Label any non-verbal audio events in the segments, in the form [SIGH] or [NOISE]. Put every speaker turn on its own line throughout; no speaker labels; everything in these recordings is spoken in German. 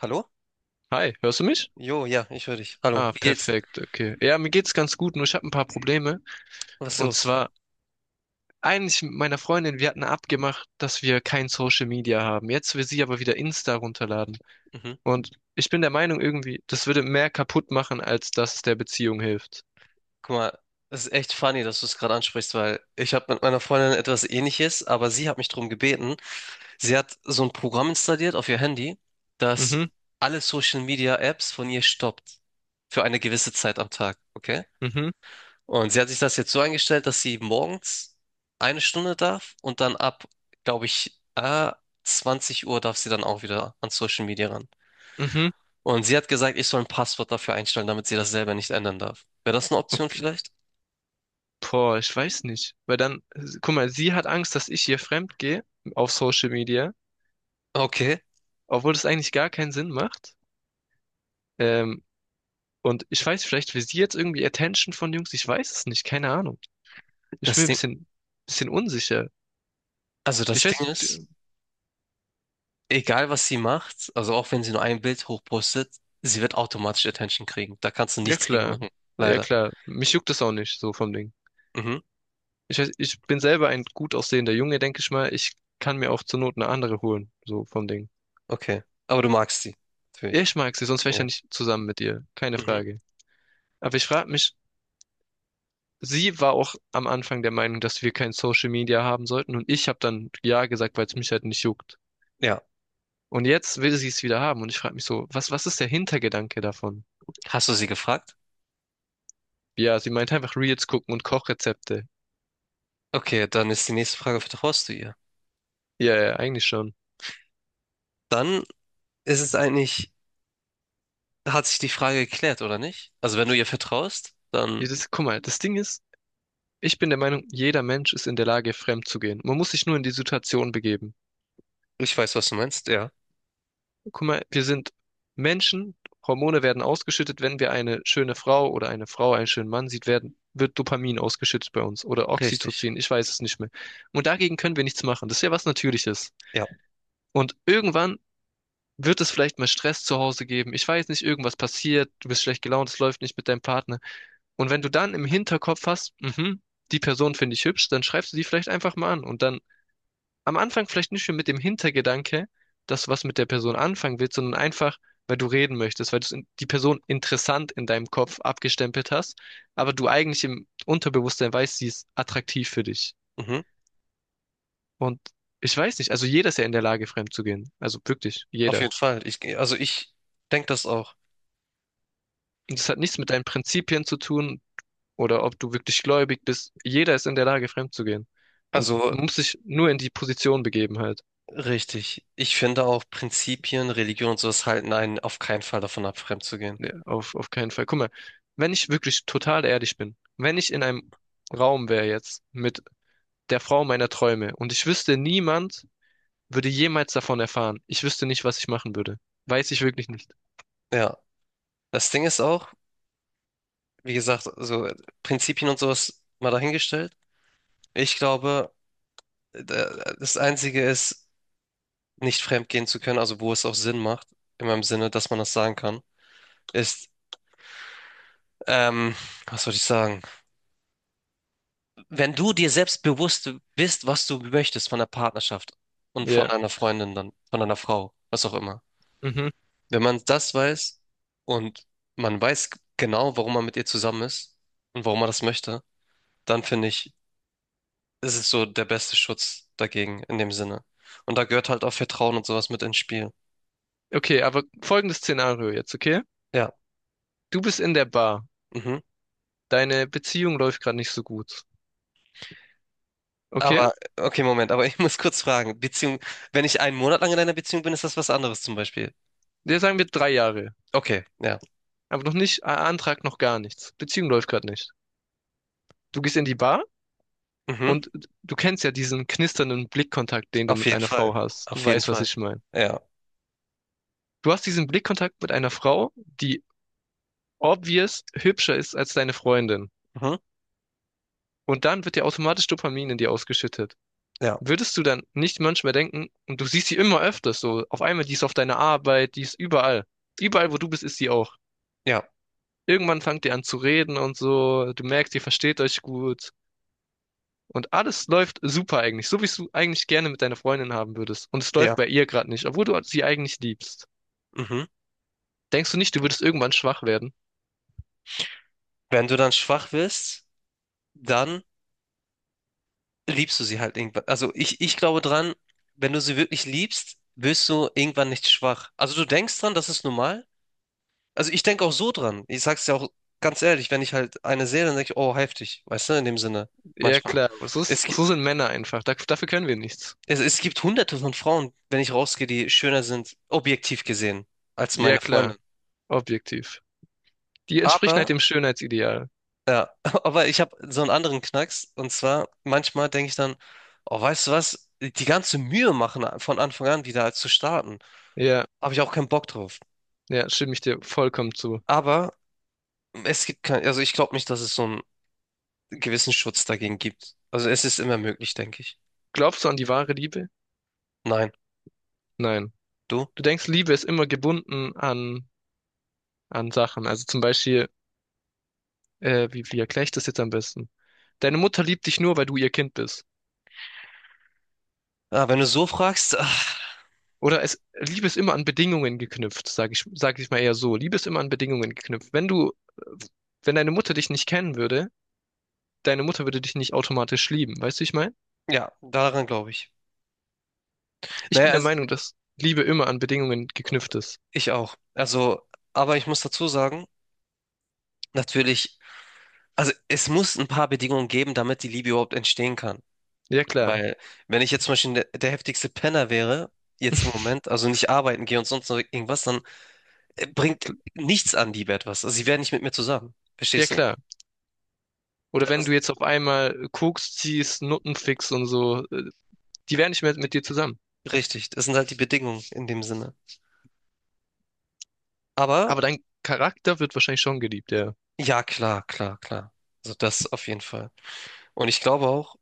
Hallo?
Hi, hörst du mich?
Jo, ja, ich höre dich. Hallo,
Ah,
wie geht's?
perfekt, okay. Ja, mir geht's ganz gut, nur ich habe ein paar Probleme.
Was ist
Und
los?
zwar eigentlich mit meiner Freundin, wir hatten abgemacht, dass wir kein Social Media haben. Jetzt will sie aber wieder Insta runterladen.
Mhm.
Und ich bin der Meinung irgendwie, das würde mehr kaputt machen, als dass es der Beziehung hilft.
Guck mal, es ist echt funny, dass du es gerade ansprichst, weil ich habe mit meiner Freundin etwas Ähnliches, aber sie hat mich darum gebeten. Sie hat so ein Programm installiert auf ihr Handy,
Mhm,
das alle Social Media Apps von ihr stoppt. Für eine gewisse Zeit am Tag, okay?
mhm,
Und sie hat sich das jetzt so eingestellt, dass sie morgens eine Stunde darf und dann ab, glaube ich, 20 Uhr darf sie dann auch wieder an Social Media.
mhm.
Und sie hat gesagt, ich soll ein Passwort dafür einstellen, damit sie das selber nicht ändern darf. Wäre das eine Option
Okay.
vielleicht?
Boah, ich weiß nicht. Weil dann, guck mal, sie hat Angst, dass ich ihr fremd gehe auf Social Media,
Okay,
obwohl das eigentlich gar keinen Sinn macht. Ähm, Und ich weiß, vielleicht will sie jetzt irgendwie Attention von Jungs. Ich weiß es nicht, keine Ahnung. Ich bin
das
mir ein
Ding,
bisschen unsicher.
also
Ich
das Ding
weiß,
ist, egal was sie macht, also auch wenn sie nur ein Bild hochpostet, sie wird automatisch Attention kriegen. Da kannst du
ja
nichts gegen
klar,
machen.
ja
Leider.
klar. Mich juckt das auch nicht, so vom Ding.
Mhm,
Ich weiß, ich bin selber ein gut aussehender Junge, denke ich mal. Ich kann mir auch zur Not eine andere holen, so vom Ding.
okay. Aber du magst sie. Natürlich.
Ich mag sie, sonst wäre ich ja
Ja.
nicht zusammen mit ihr. Keine
Mhm.
Frage. Aber ich frage mich, sie war auch am Anfang der Meinung, dass wir kein Social Media haben sollten. Und ich habe dann ja gesagt, weil es mich halt nicht juckt.
Ja.
Und jetzt will sie es wieder haben. Und ich frage mich so, was ist der Hintergedanke davon?
Hast du sie gefragt?
Ja, sie meint einfach Reels gucken und Kochrezepte.
Okay, dann ist die nächste Frage, vertraust du ihr?
Ja, ja, eigentlich schon.
Dann ist es eigentlich, hat sich die Frage geklärt, oder nicht? Also wenn du ihr vertraust,
Ja,
dann,
Das, guck mal, das Ding ist, ich bin der Meinung, jeder Mensch ist in der Lage, fremd zu gehen. Man muss sich nur in die Situation begeben.
ich weiß, was du meinst, ja.
Guck mal, wir sind Menschen, Hormone werden ausgeschüttet, wenn wir eine schöne Frau oder eine Frau einen schönen Mann sieht, wird Dopamin ausgeschüttet bei uns oder
Richtig.
Oxytocin, ich weiß es nicht mehr. Und dagegen können wir nichts machen. Das ist ja was Natürliches.
Ja.
Und irgendwann wird es vielleicht mal Stress zu Hause geben? Ich weiß nicht, irgendwas passiert, du bist schlecht gelaunt, es läuft nicht mit deinem Partner. Und wenn du dann im Hinterkopf hast, die Person finde ich hübsch, dann schreibst du die vielleicht einfach mal an. Und dann am Anfang vielleicht nicht mehr mit dem Hintergedanke, dass du was mit der Person anfangen willst, sondern einfach, weil du reden möchtest, weil du die Person interessant in deinem Kopf abgestempelt hast, aber du eigentlich im Unterbewusstsein weißt, sie ist attraktiv für dich.
Mhm,
Und ich weiß nicht, also jeder ist ja in der Lage, fremd zu gehen. Also wirklich,
auf
jeder.
jeden Fall. Also ich denke das auch.
Und das hat nichts mit deinen Prinzipien zu tun oder ob du wirklich gläubig bist. Jeder ist in der Lage, fremd zu gehen. Und
Also
man muss sich nur in die Position begeben halt.
richtig. Ich finde auch Prinzipien, Religion und sowas halten einen auf keinen Fall davon ab, fremd zu gehen.
Nee, auf keinen Fall. Guck mal, wenn ich wirklich total ehrlich bin, wenn ich in einem Raum wäre jetzt mit der Frau meiner Träume und ich wüsste, niemand würde jemals davon erfahren. Ich wüsste nicht, was ich machen würde. Weiß ich wirklich nicht.
Ja. Das Ding ist auch, wie gesagt, so Prinzipien und sowas mal dahingestellt. Ich glaube, da- das Einzige ist, nicht fremd gehen zu können, also wo es auch Sinn macht, in meinem Sinne, dass man das sagen kann, ist, ähm, was soll ich sagen? Wenn du dir selbst bewusst bist, was du möchtest von der Partnerschaft und von
Ja.
einer Freundin dann, von einer Frau, was auch immer.
Mhm.
Wenn man das weiß und man weiß genau, warum man mit ihr zusammen ist und warum man das möchte, dann finde ich, ist es so der beste Schutz dagegen in dem Sinne. Und da gehört halt auch Vertrauen und sowas mit ins Spiel.
Okay, aber folgendes Szenario jetzt, okay?
Ja.
Du bist in der Bar.
Mhm.
Deine Beziehung läuft gerade nicht so gut. Okay?
Aber, okay, Moment, aber [LAUGHS] ich muss kurz fragen. Beziehung, wenn ich einen Monat lang in einer Beziehung bin, ist das was anderes zum Beispiel.
Der sagen wir 3 Jahre.
Okay, ja.
Aber noch nicht, Antrag noch gar nichts. Beziehung läuft gerade nicht. Du gehst in die Bar
Mhm.
und du kennst ja diesen knisternden Blickkontakt, den du
Auf
mit
jeden
einer
Fall.
Frau hast. Du
Auf jeden
weißt, was
Fall.
ich meine.
Ja.
Du hast diesen Blickkontakt mit einer Frau, die obvious hübscher ist als deine Freundin.
Mhm.
Und dann wird dir automatisch Dopamin in dir ausgeschüttet.
Ja.
Würdest du dann nicht manchmal denken, und du siehst sie immer öfters so, auf einmal, die ist auf deiner Arbeit, die ist überall. Überall, wo du bist, ist sie auch.
Ja.
Irgendwann fangt ihr an zu reden und so, du merkst, ihr versteht euch gut. Und alles läuft super eigentlich, so wie du eigentlich gerne mit deiner Freundin haben würdest. Und es läuft
Ja.
bei ihr gerade nicht, obwohl du sie eigentlich liebst.
Mhm.
Denkst du nicht, du würdest irgendwann schwach werden?
Wenn du dann schwach wirst, dann liebst du sie halt irgendwann. Also ich glaube dran, wenn du sie wirklich liebst, wirst du irgendwann nicht schwach. Also du denkst dran, das ist normal. Also ich denke auch so dran. Ich sag's dir auch ganz ehrlich, wenn ich halt eine sehe, dann denke ich, oh, heftig. Weißt du, in dem Sinne.
Ja,
Manchmal.
klar.
Es, gi-
So sind Männer einfach. Dafür können wir nichts.
es gibt hunderte von Frauen, wenn ich rausgehe, die schöner sind, objektiv gesehen, als
Ja,
meine
klar.
Freundin.
Objektiv. Die entsprechen halt
Aber
dem Schönheitsideal.
ja, [LAUGHS] aber ich habe so einen anderen Knacks. Und zwar, manchmal denke ich dann, oh, weißt du was, die ganze Mühe machen von Anfang an wieder als zu starten.
Ja,
Habe ich auch keinen Bock drauf.
ja, stimme ich dir vollkommen zu.
Aber es gibt kein, also ich glaube nicht, dass es so einen gewissen Schutz dagegen gibt. Also es ist immer möglich, denke ich.
Glaubst du an die wahre Liebe?
Nein,
Nein.
du?
Du denkst, Liebe ist immer gebunden an Sachen. Also zum Beispiel, wie erkläre ich das jetzt am besten? Deine Mutter liebt dich nur, weil du ihr Kind bist.
Ah, wenn du so fragst, ach,
Liebe ist immer an Bedingungen geknüpft, sag ich mal eher so. Liebe ist immer an Bedingungen geknüpft. Wenn wenn deine Mutter dich nicht kennen würde, deine Mutter würde dich nicht automatisch lieben. Weißt du, wie ich meine?
ja, daran glaube ich.
Ich
Naja,
bin der
also
Meinung, dass Liebe immer an Bedingungen geknüpft ist.
ich auch. Also, aber ich muss dazu sagen, natürlich, also es muss ein paar Bedingungen geben, damit die Liebe überhaupt entstehen kann.
Ja, klar.
Weil, wenn ich jetzt zum Beispiel der heftigste Penner wäre, jetzt im Moment,
[LAUGHS]
also nicht arbeiten gehe und sonst noch irgendwas, dann bringt nichts an die etwas. Also sie wären nicht mit mir zusammen.
Ja,
Verstehst du?
klar. Oder wenn
Also,
du jetzt auf einmal Koks ziehst, Nutten fickst und so, die wären nicht mehr mit dir zusammen.
richtig, das sind halt die Bedingungen in dem Sinne. Aber
Aber dein Charakter wird wahrscheinlich schon geliebt, ja.
ja, klar, klar, klar. Also das auf jeden Fall. Und ich glaube auch,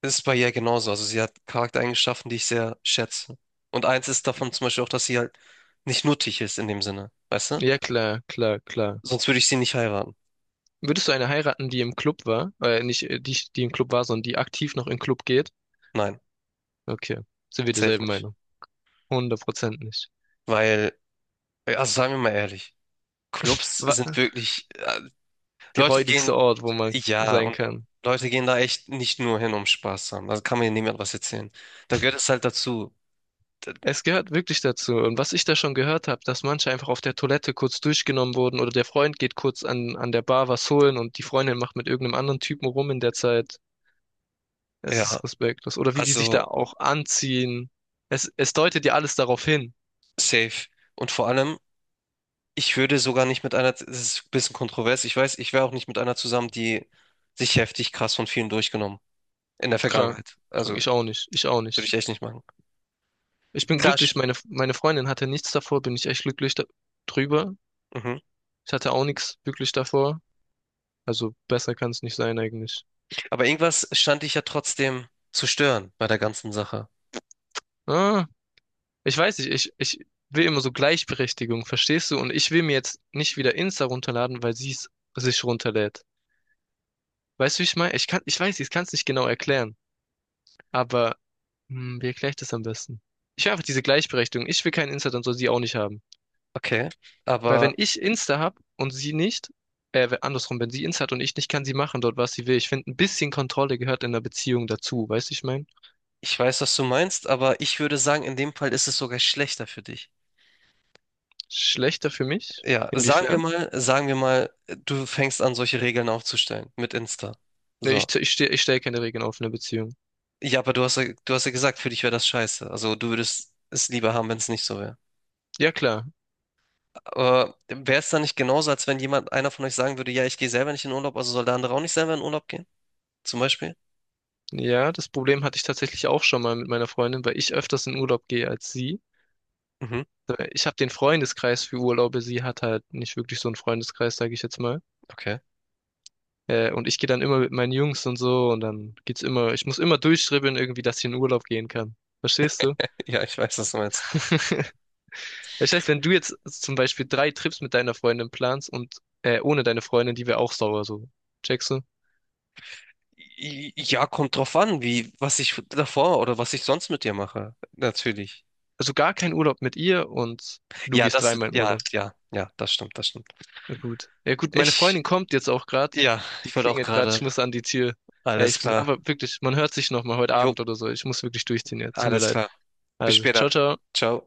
es ist bei ihr genauso. Also sie hat Charaktereigenschaften, die ich sehr schätze. Und eins ist davon zum Beispiel auch, dass sie halt nicht nuttig ist in dem Sinne. Weißt du?
Ja, klar, klar, klar.
Sonst würde ich sie nicht heiraten.
Würdest du eine heiraten, die im Club war, nicht, die, die im Club war, sondern die aktiv noch im Club geht?
Nein,
Okay, sind wir
safe
derselben
nicht.
Meinung? 100% nicht.
Weil also sagen wir mal ehrlich, Clubs sind
Wa-
wirklich,
Die
Leute gehen,
räudigste Ort, wo man
ja,
sein
und
kann.
Leute gehen da echt nicht nur hin, um Spaß zu haben. Da kann mir niemand was erzählen. Da gehört es halt dazu.
Es gehört wirklich dazu. Und was ich da schon gehört habe, dass manche einfach auf der Toilette kurz durchgenommen wurden oder der Freund geht kurz an der Bar was holen und die Freundin macht mit irgendeinem anderen Typen rum in der Zeit. Es
Ja,
ist respektlos. Oder wie die sich da
also
auch anziehen. Es deutet ja alles darauf hin.
safe. Und vor allem, ich würde sogar nicht mit einer, das ist ein bisschen kontrovers, ich weiß, ich wäre auch nicht mit einer zusammen, die sich heftig krass von vielen durchgenommen. In der
Krank,
Vergangenheit.
krank.
Also
Ich auch nicht. Ich auch
würde
nicht.
ich echt nicht machen.
Ich bin
Klar,
glücklich.
sch-
Meine Freundin hatte nichts davor. Bin ich echt glücklich da drüber.
mhm.
Ich hatte auch nichts wirklich davor. Also besser kann es nicht sein eigentlich.
Aber irgendwas stand ich ja trotzdem zu stören bei der ganzen Sache.
Ah, ich weiß nicht, ich will immer so Gleichberechtigung, verstehst du? Und ich will mir jetzt nicht wieder Insta runterladen, weil sie es sich runterlädt. Weißt du, wie ich meine? Ich weiß, ich kann es nicht genau erklären. Aber hm, wie erkläre ich das am besten? Ich will einfach diese Gleichberechtigung. Ich will kein Insta, dann soll sie auch nicht haben.
Okay,
Weil
aber
wenn ich Insta hab und sie nicht, andersrum, wenn sie Insta hat und ich nicht, kann sie machen dort, was sie will. Ich finde, ein bisschen Kontrolle gehört in einer Beziehung dazu. Weißt du, wie ich meine?
ich weiß, was du meinst, aber ich würde sagen, in dem Fall ist es sogar schlechter für dich.
Schlechter für mich?
Ja, sagen wir
Inwiefern?
mal, sagen wir mal, du fängst an, solche Regeln aufzustellen mit Insta.
Nee,
So.
ich, ich, steh- ich stelle keine Regeln auf in einer Beziehung.
Ja, aber du hast ja gesagt, für dich wäre das scheiße. Also du würdest es lieber haben, wenn es nicht so wäre.
Ja, klar.
Aber wäre es dann nicht genauso, als wenn jemand, einer von euch sagen würde, ja, ich gehe selber nicht in Urlaub, also soll der andere auch nicht selber in Urlaub gehen? Zum Beispiel?
Ja, das Problem hatte ich tatsächlich auch schon mal mit meiner Freundin, weil ich öfters in Urlaub gehe als sie.
Mhm,
Ich habe den Freundeskreis für Urlaube, sie hat halt nicht wirklich so einen Freundeskreis, sage ich jetzt mal.
okay.
Und ich gehe dann immer mit meinen Jungs und so und dann geht's immer, ich muss immer durchschribbeln irgendwie, dass ich in Urlaub gehen kann. Verstehst du?
[LAUGHS] Ja, ich weiß, was du meinst.
[LAUGHS] Das heißt, wenn du jetzt zum Beispiel 3 Trips mit deiner Freundin planst und ohne deine Freundin, die wäre auch sauer so. Checkst du?
Ja, kommt drauf an, wie, was ich davor oder was ich sonst mit dir mache. Natürlich.
Also gar kein Urlaub mit ihr und du
Ja,
gehst
das,
dreimal in
ja,
Urlaub.
ja, ja, das stimmt, das stimmt.
Na gut. Ja gut, meine
Ich,
Freundin kommt jetzt auch gerade.
ja,
Die
ich wollte auch
klingelt gerade, ich
gerade.
muss an die Tür. Ja,
Alles
ich muss,
klar.
aber wirklich, man hört sich noch mal heute
Jo,
Abend oder so. Ich muss wirklich durchziehen jetzt. Tut mir
alles
leid.
klar. Bis
Also,
später.
ciao, ciao.
Ciao.